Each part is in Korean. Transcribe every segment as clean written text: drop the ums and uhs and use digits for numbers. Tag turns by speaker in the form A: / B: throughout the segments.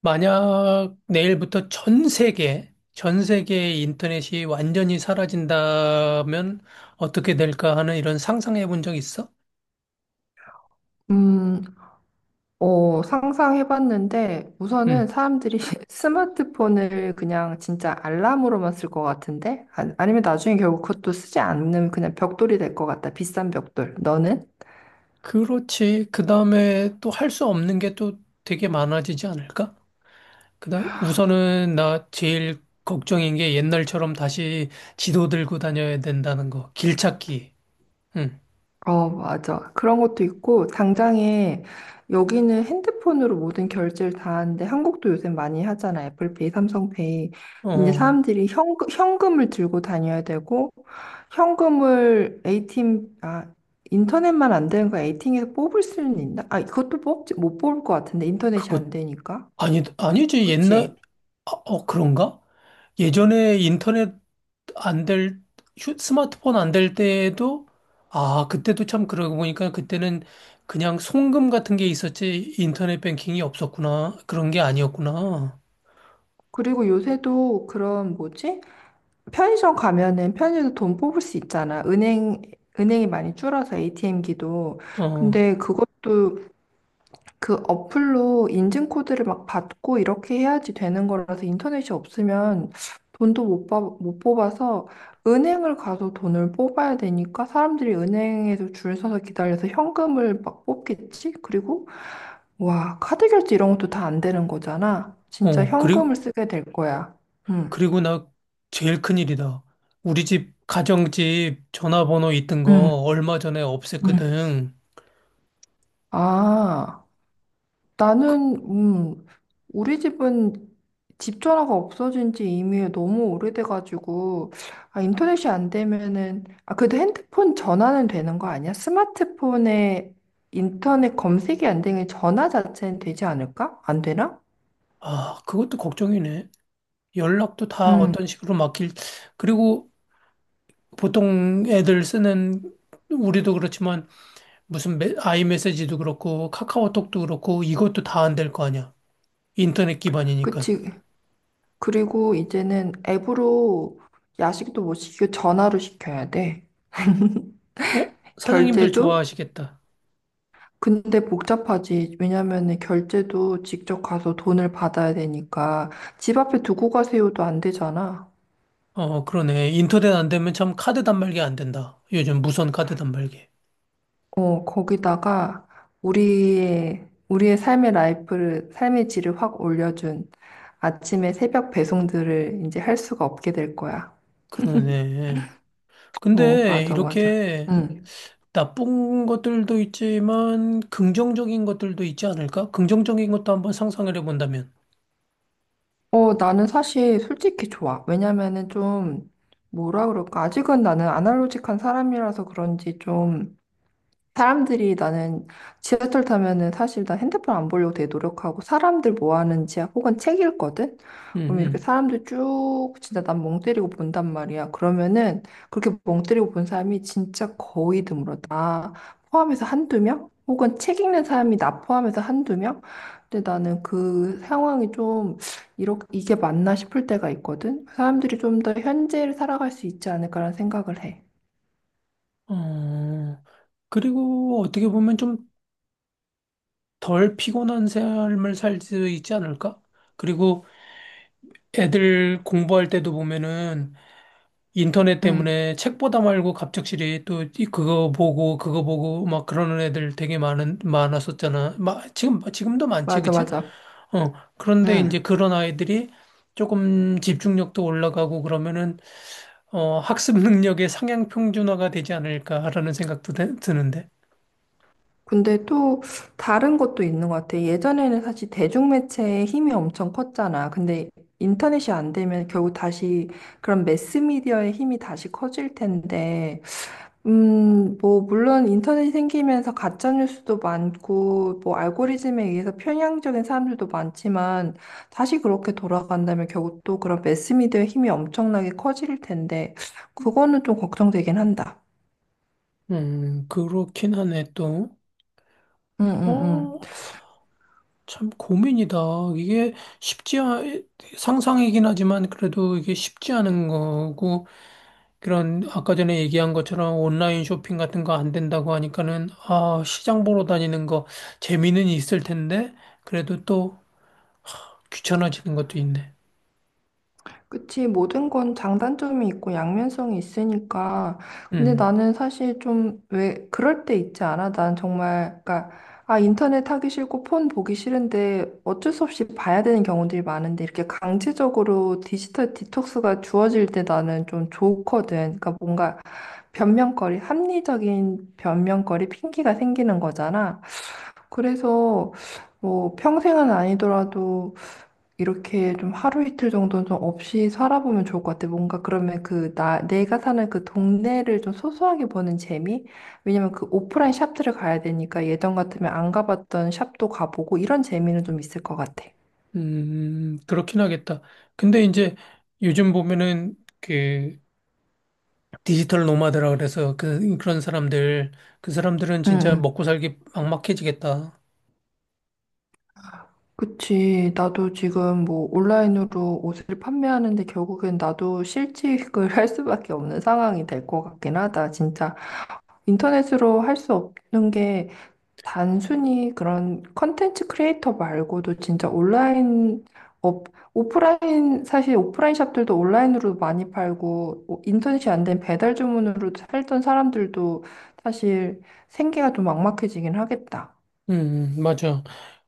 A: 만약 내일부터 전 세계, 전 세계의 인터넷이 완전히 사라진다면 어떻게 될까 하는 이런 상상해 본 적 있어?
B: 음, 상상해봤는데, 우선은
A: 음.
B: 사람들이 스마트폰을 그냥 진짜 알람으로만 쓸 것 같은데? 아, 아니면 나중에 결국 그것도 쓰지 않는 그냥 벽돌이 될 것 같다. 비싼 벽돌. 너는?
A: 그렇지. 그 다음에 또 할 수 없는 게 또 되게 많아지지 않을까? 그다음 우선은 나 제일 걱정인 게 옛날처럼 다시 지도 들고 다녀야 된다는 거. 길 찾기. 음.
B: 어, 맞아. 그런 것도 있고, 당장에 여기는 핸드폰으로 모든 결제를 다 하는데, 한국도 요새 많이 하잖아. 애플페이, 삼성페이. 이제
A: 어,
B: 사람들이 현금을 들고 다녀야 되고, 현금을 ATM, 아, 인터넷만 안 되는 거 ATM에서 뽑을 수는 있나? 아, 그것도 뽑지, 못 뽑을 것 같은데, 인터넷이
A: 그거
B: 안 되니까.
A: 아니 아니지. 옛날,
B: 그치?
A: 아, 어, 그런가? 예전에 인터넷 안 될, 스마트폰 안 될 때에도, 아, 그때도 참 그러고 보니까 그때는 그냥 송금 같은 게 있었지, 인터넷 뱅킹이 없었구나. 그런 게 아니었구나.
B: 그리고 요새도 그런, 뭐지? 편의점 가면은 편의점 돈 뽑을 수 있잖아. 은행이 많이 줄어서 ATM기도.
A: 어,
B: 근데 그것도 그 어플로 인증코드를 막 받고 이렇게 해야지 되는 거라서 인터넷이 없으면 돈도 못, 뽑- 못 뽑아서 은행을 가서 돈을 뽑아야 되니까 사람들이 은행에서 줄 서서 기다려서 현금을 막 뽑겠지? 그리고 와, 카드 결제 이런 것도 다 안 되는 거잖아. 진짜
A: 어, 그리고,
B: 현금을 쓰게 될 거야. 응,
A: 그리고 나 제일 큰일이다. 우리 집, 가정집 전화번호 있던 거
B: 응,
A: 얼마 전에
B: 응.
A: 없앴거든.
B: 아. 나는, 음, 우리 집은 집 전화가 없어진 지 이미 너무 오래돼가지고, 아, 인터넷이 안 되면은, 아, 그래도 핸드폰 전화는 되는 거 아니야? 스마트폰에 인터넷 검색이 안 되는 전화 자체는 되지 않을까? 안 되나?
A: 아, 그것도 걱정이네. 연락도 다
B: 응,
A: 어떤 식으로 막힐, 그리고 보통 애들 쓰는, 우리도 그렇지만 무슨 아이메시지도 그렇고 카카오톡도 그렇고 이것도 다 안 될 거 아니야. 인터넷 기반이니까.
B: 그치. 그리고 이제는 앱으로 야식도 못 시키고 전화로 시켜야 돼.
A: 어? 사장님들
B: 결제도
A: 좋아하시겠다.
B: 근데 복잡하지. 왜냐면은 결제도 직접 가서 돈을 받아야 되니까 집 앞에 두고 가세요도 안 되잖아.
A: 어, 그러네. 인터넷 안 되면 참 카드 단말기 안 된다. 요즘 무선 카드 단말기.
B: 어, 거기다가 우리의 삶의 라이프를 삶의 질을 확 올려준 아침에 새벽 배송들을 이제 할 수가 없게 될 거야.
A: 그러네.
B: 어,
A: 근데
B: 맞아, 맞아.
A: 이렇게
B: 응.
A: 나쁜 것들도 있지만 긍정적인 것들도 있지 않을까? 긍정적인 것도 한번 상상을 해본다면.
B: 어, 나는 사실 솔직히 좋아. 왜냐면은 좀 뭐라 그럴까? 아직은 나는 아날로직한 사람이라서 그런지 좀 사람들이 나는 지하철 타면은 사실 나 핸드폰 안 보려고 되게 노력하고 사람들 뭐 하는지 혹은 책 읽거든? 그럼 이렇게
A: 음,
B: 사람들 쭉 진짜 난 멍 때리고 본단 말이야. 그러면은 그렇게 멍 때리고 본 사람이 진짜 거의 드물어. 나 포함해서 한두 명? 혹은 책 읽는 사람이 나 포함해서 한두 명? 근데 나는 그 상황이 좀 이렇게 이게 맞나 싶을 때가 있거든? 사람들이 좀 더 현재를 살아갈 수 있지 않을까라는 생각을 해.
A: 어, 그리고 어떻게 보면 좀 덜 피곤한 삶을 살 수 있지 않을까? 그리고 애들 공부할 때도 보면은 인터넷
B: 응,
A: 때문에 책 보다 말고 갑작스레 또 그거 보고 그거 보고 막 그러는 애들 되게 많은 많았었잖아. 마, 지금도 많지,
B: 맞아,
A: 그치?
B: 맞아.
A: 어. 그런데 이제
B: 응.
A: 그런 아이들이 조금 집중력도 올라가고 그러면은 어, 학습 능력의 상향 평준화가 되지 않을까라는 생각도 드는데.
B: 근데 또 다른 것도 있는 것 같아. 예전에는 사실 대중매체의 힘이 엄청 컸잖아. 근데 인터넷이 안 되면 결국 다시 그런 매스미디어의 힘이 다시 커질 텐데, 뭐, 물론 인터넷이 생기면서 가짜뉴스도 많고, 뭐, 알고리즘에 의해서 편향적인 사람들도 많지만, 다시 그렇게 돌아간다면 결국 또 그런 매스미디어의 힘이 엄청나게 커질 텐데, 그거는 좀 걱정되긴 한다.
A: 그렇긴 하네 또.
B: 응, 응, 응.
A: 어, 참 고민이다. 이게 쉽지, 상상이긴 하지만 그래도 이게 쉽지 않은 거고, 그런 아까 전에 얘기한 것처럼 온라인 쇼핑 같은 거 안 된다고 하니까는, 아, 시장 보러 다니는 거 재미는 있을 텐데, 그래도 또 귀찮아지는 것도 있네.
B: 그치, 모든 건 장단점이 있고 양면성이 있으니까. 근데
A: 음,
B: 나는 사실 좀 왜 그럴 때 있지 않아? 난 정말, 그러니까, 아, 인터넷 하기 싫고 폰 보기 싫은데 어쩔 수 없이 봐야 되는 경우들이 많은데 이렇게 강제적으로 디지털 디톡스가 주어질 때 나는 좀 좋거든. 그러니까 뭔가 합리적인 변명거리, 핑계가 생기는 거잖아. 그래서 뭐 평생은 아니더라도 이렇게 좀 하루 이틀 정도는 좀 없이 살아보면 좋을 것 같아. 뭔가 그러면 내가 사는 그 동네를 좀 소소하게 보는 재미? 왜냐면 그 오프라인 샵들을 가야 되니까 예전 같으면 안 가봤던 샵도 가보고 이런 재미는 좀 있을 것 같아.
A: 그렇긴 하겠다. 근데 이제 요즘 보면은 그 디지털 노마드라 그래서 그런 사람들, 그 사람들은
B: 응,
A: 진짜
B: 응.
A: 먹고 살기 막막해지겠다.
B: 그치. 나도 지금 뭐 온라인으로 옷을 판매하는데 결국엔 나도 실직을 할 수밖에 없는 상황이 될 것 같긴 하다. 진짜 인터넷으로 할 수 없는 게 단순히 그런 컨텐츠 크리에이터 말고도 진짜 업, 오프라인 사실 오프라인 샵들도 온라인으로 많이 팔고 오- 인터넷이 안 된 배달 주문으로 살던 사람들도 사실 생계가 좀 막막해지긴 하겠다.
A: 맞아.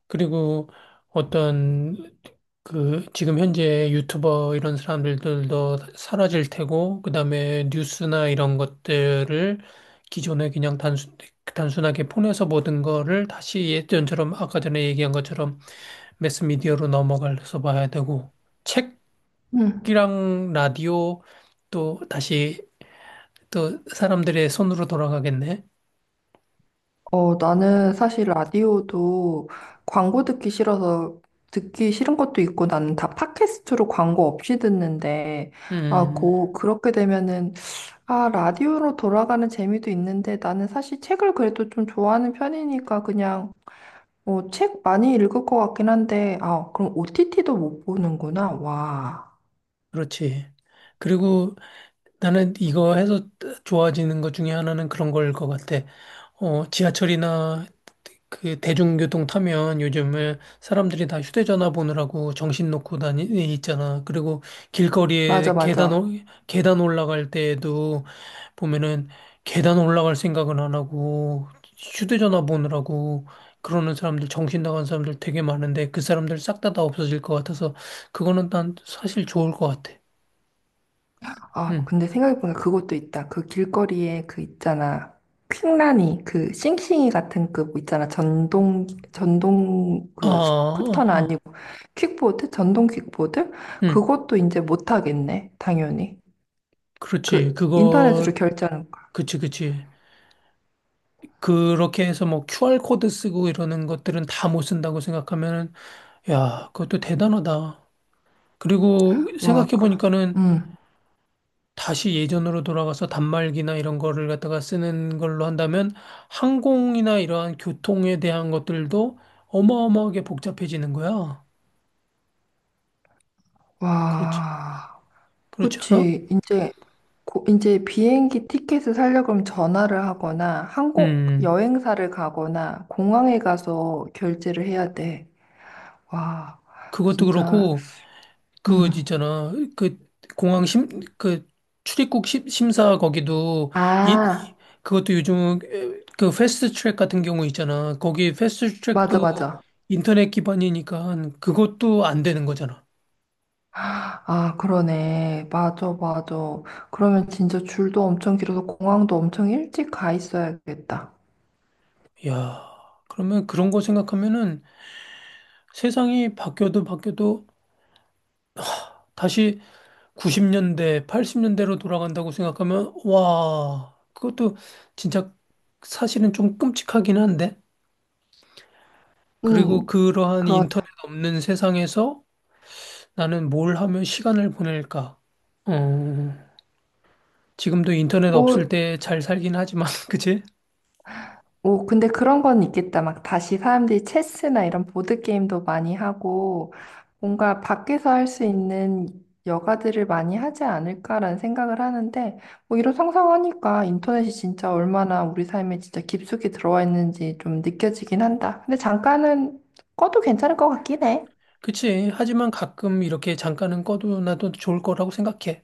A: 그리고 어떤 그 지금 현재 유튜버 이런 사람들도 사라질 테고, 그다음에 뉴스나 이런 것들을 기존에 그냥 단순하게 폰에서 보던 거를 다시 예전처럼 아까 전에 얘기한 것처럼 매스미디어로 넘어가서 봐야 되고,
B: 음.
A: 책이랑 라디오 또 다시 또 사람들의 손으로 돌아가겠네.
B: 어, 나는 사실 라디오도 광고 듣기 싫은 것도 있고 나는 다 팟캐스트로 광고 없이 듣는데 아,
A: 음,
B: 고 그렇게 되면은 아, 라디오로 돌아가는 재미도 있는데 나는 사실 책을 그래도 좀 좋아하는 편이니까 그냥 어, 책 많이 읽을 것 같긴 한데 아, 그럼 OTT도 못 보는구나. 와.
A: 그렇지. 그리고 나는 이거 해서 좋아지는 것 중에 하나는 그런 걸 것 같아. 어, 지하철이나 그 대중교통 타면 요즘에 사람들이 다 휴대전화 보느라고 정신 놓고 다니 있잖아. 그리고
B: 맞아,
A: 길거리에 계단
B: 맞아.
A: 계단 올라갈 때에도 보면은 계단 올라갈 생각은 안 하고 휴대전화 보느라고 그러는 사람들 정신 나간 사람들 되게 많은데 그 사람들 싹 다 없어질 것 같아서 그거는 난 사실 좋을 것 같아.
B: 아,
A: 응.
B: 근데 생각해보니까 그것도 있다. 그 길거리에 그 있잖아. 퀵라니, 그 싱싱이 같은 그뭐 있잖아. 전동
A: 아,
B: 그
A: 아,
B: 스쿠터는
A: 아.
B: 아니고 퀵보드? 전동 퀵보드?
A: 응,
B: 그것도 이제 못 하겠네. 당연히.
A: 그렇지.
B: 그
A: 그거,
B: 인터넷으로 결제하는
A: 그치, 그치. 그렇게 해서 뭐 QR코드 쓰고 이러는 것들은 다 못 쓴다고 생각하면, 야, 그것도 대단하다. 그리고
B: 와, 그-
A: 생각해보니까는
B: 응,
A: 다시 예전으로 돌아가서 단말기나 이런 거를 갖다가 쓰는 걸로 한다면 항공이나 이러한 교통에 대한 것들도 어마어마하게 복잡해지는 거야. 그렇지.
B: 와,
A: 그렇지 않아?
B: 그치. 이제 비행기 티켓을 사려고 그러면 전화를 하거나 항공,
A: 음,
B: 여행사를 가거나 공항에 가서 결제를 해야 돼. 와,
A: 그것도
B: 진짜,
A: 그렇고, 그
B: 응.
A: 있잖아 그 공항 심, 그 출입국 심, 심사 거기도 이
B: 아,
A: 그것도 요즘 그 패스트 트랙 같은 경우 있잖아 거기 패스트
B: 맞아,
A: 트랙도
B: 맞아.
A: 인터넷 기반이니까 그것도 안 되는 거잖아.
B: 아, 그러네. 맞아, 맞아. 그러면 진짜 줄도 엄청 길어서 공항도 엄청 일찍 가 있어야겠다.
A: 야, 그러면 그런 거 생각하면은 세상이 바뀌어도 다시 90년대 80년대로 돌아간다고 생각하면, 와, 그것도 진짜 사실은 좀 끔찍하긴 한데,
B: 응,
A: 그리고 그러한
B: 그런,
A: 인터넷 없는 세상에서 나는 뭘 하며 시간을 보낼까? 어, 지금도 인터넷 없을
B: 뭐,
A: 때 잘 살긴 하지만, 그치?
B: 오, 근데 그런 건 있겠다. 막 다시 사람들이 체스나 이런 보드게임도 많이 하고, 뭔가 밖에서 할 수 있는 여가들을 많이 하지 않을까라는 생각을 하는데, 뭐 이런 상상하니까 인터넷이 진짜 얼마나 우리 삶에 진짜 깊숙이 들어와 있는지 좀 느껴지긴 한다. 근데 잠깐은 꺼도 괜찮을 것 같긴 해.
A: 그치. 하지만 가끔 이렇게 잠깐은 꺼도 나도 좋을 거라고 생각해.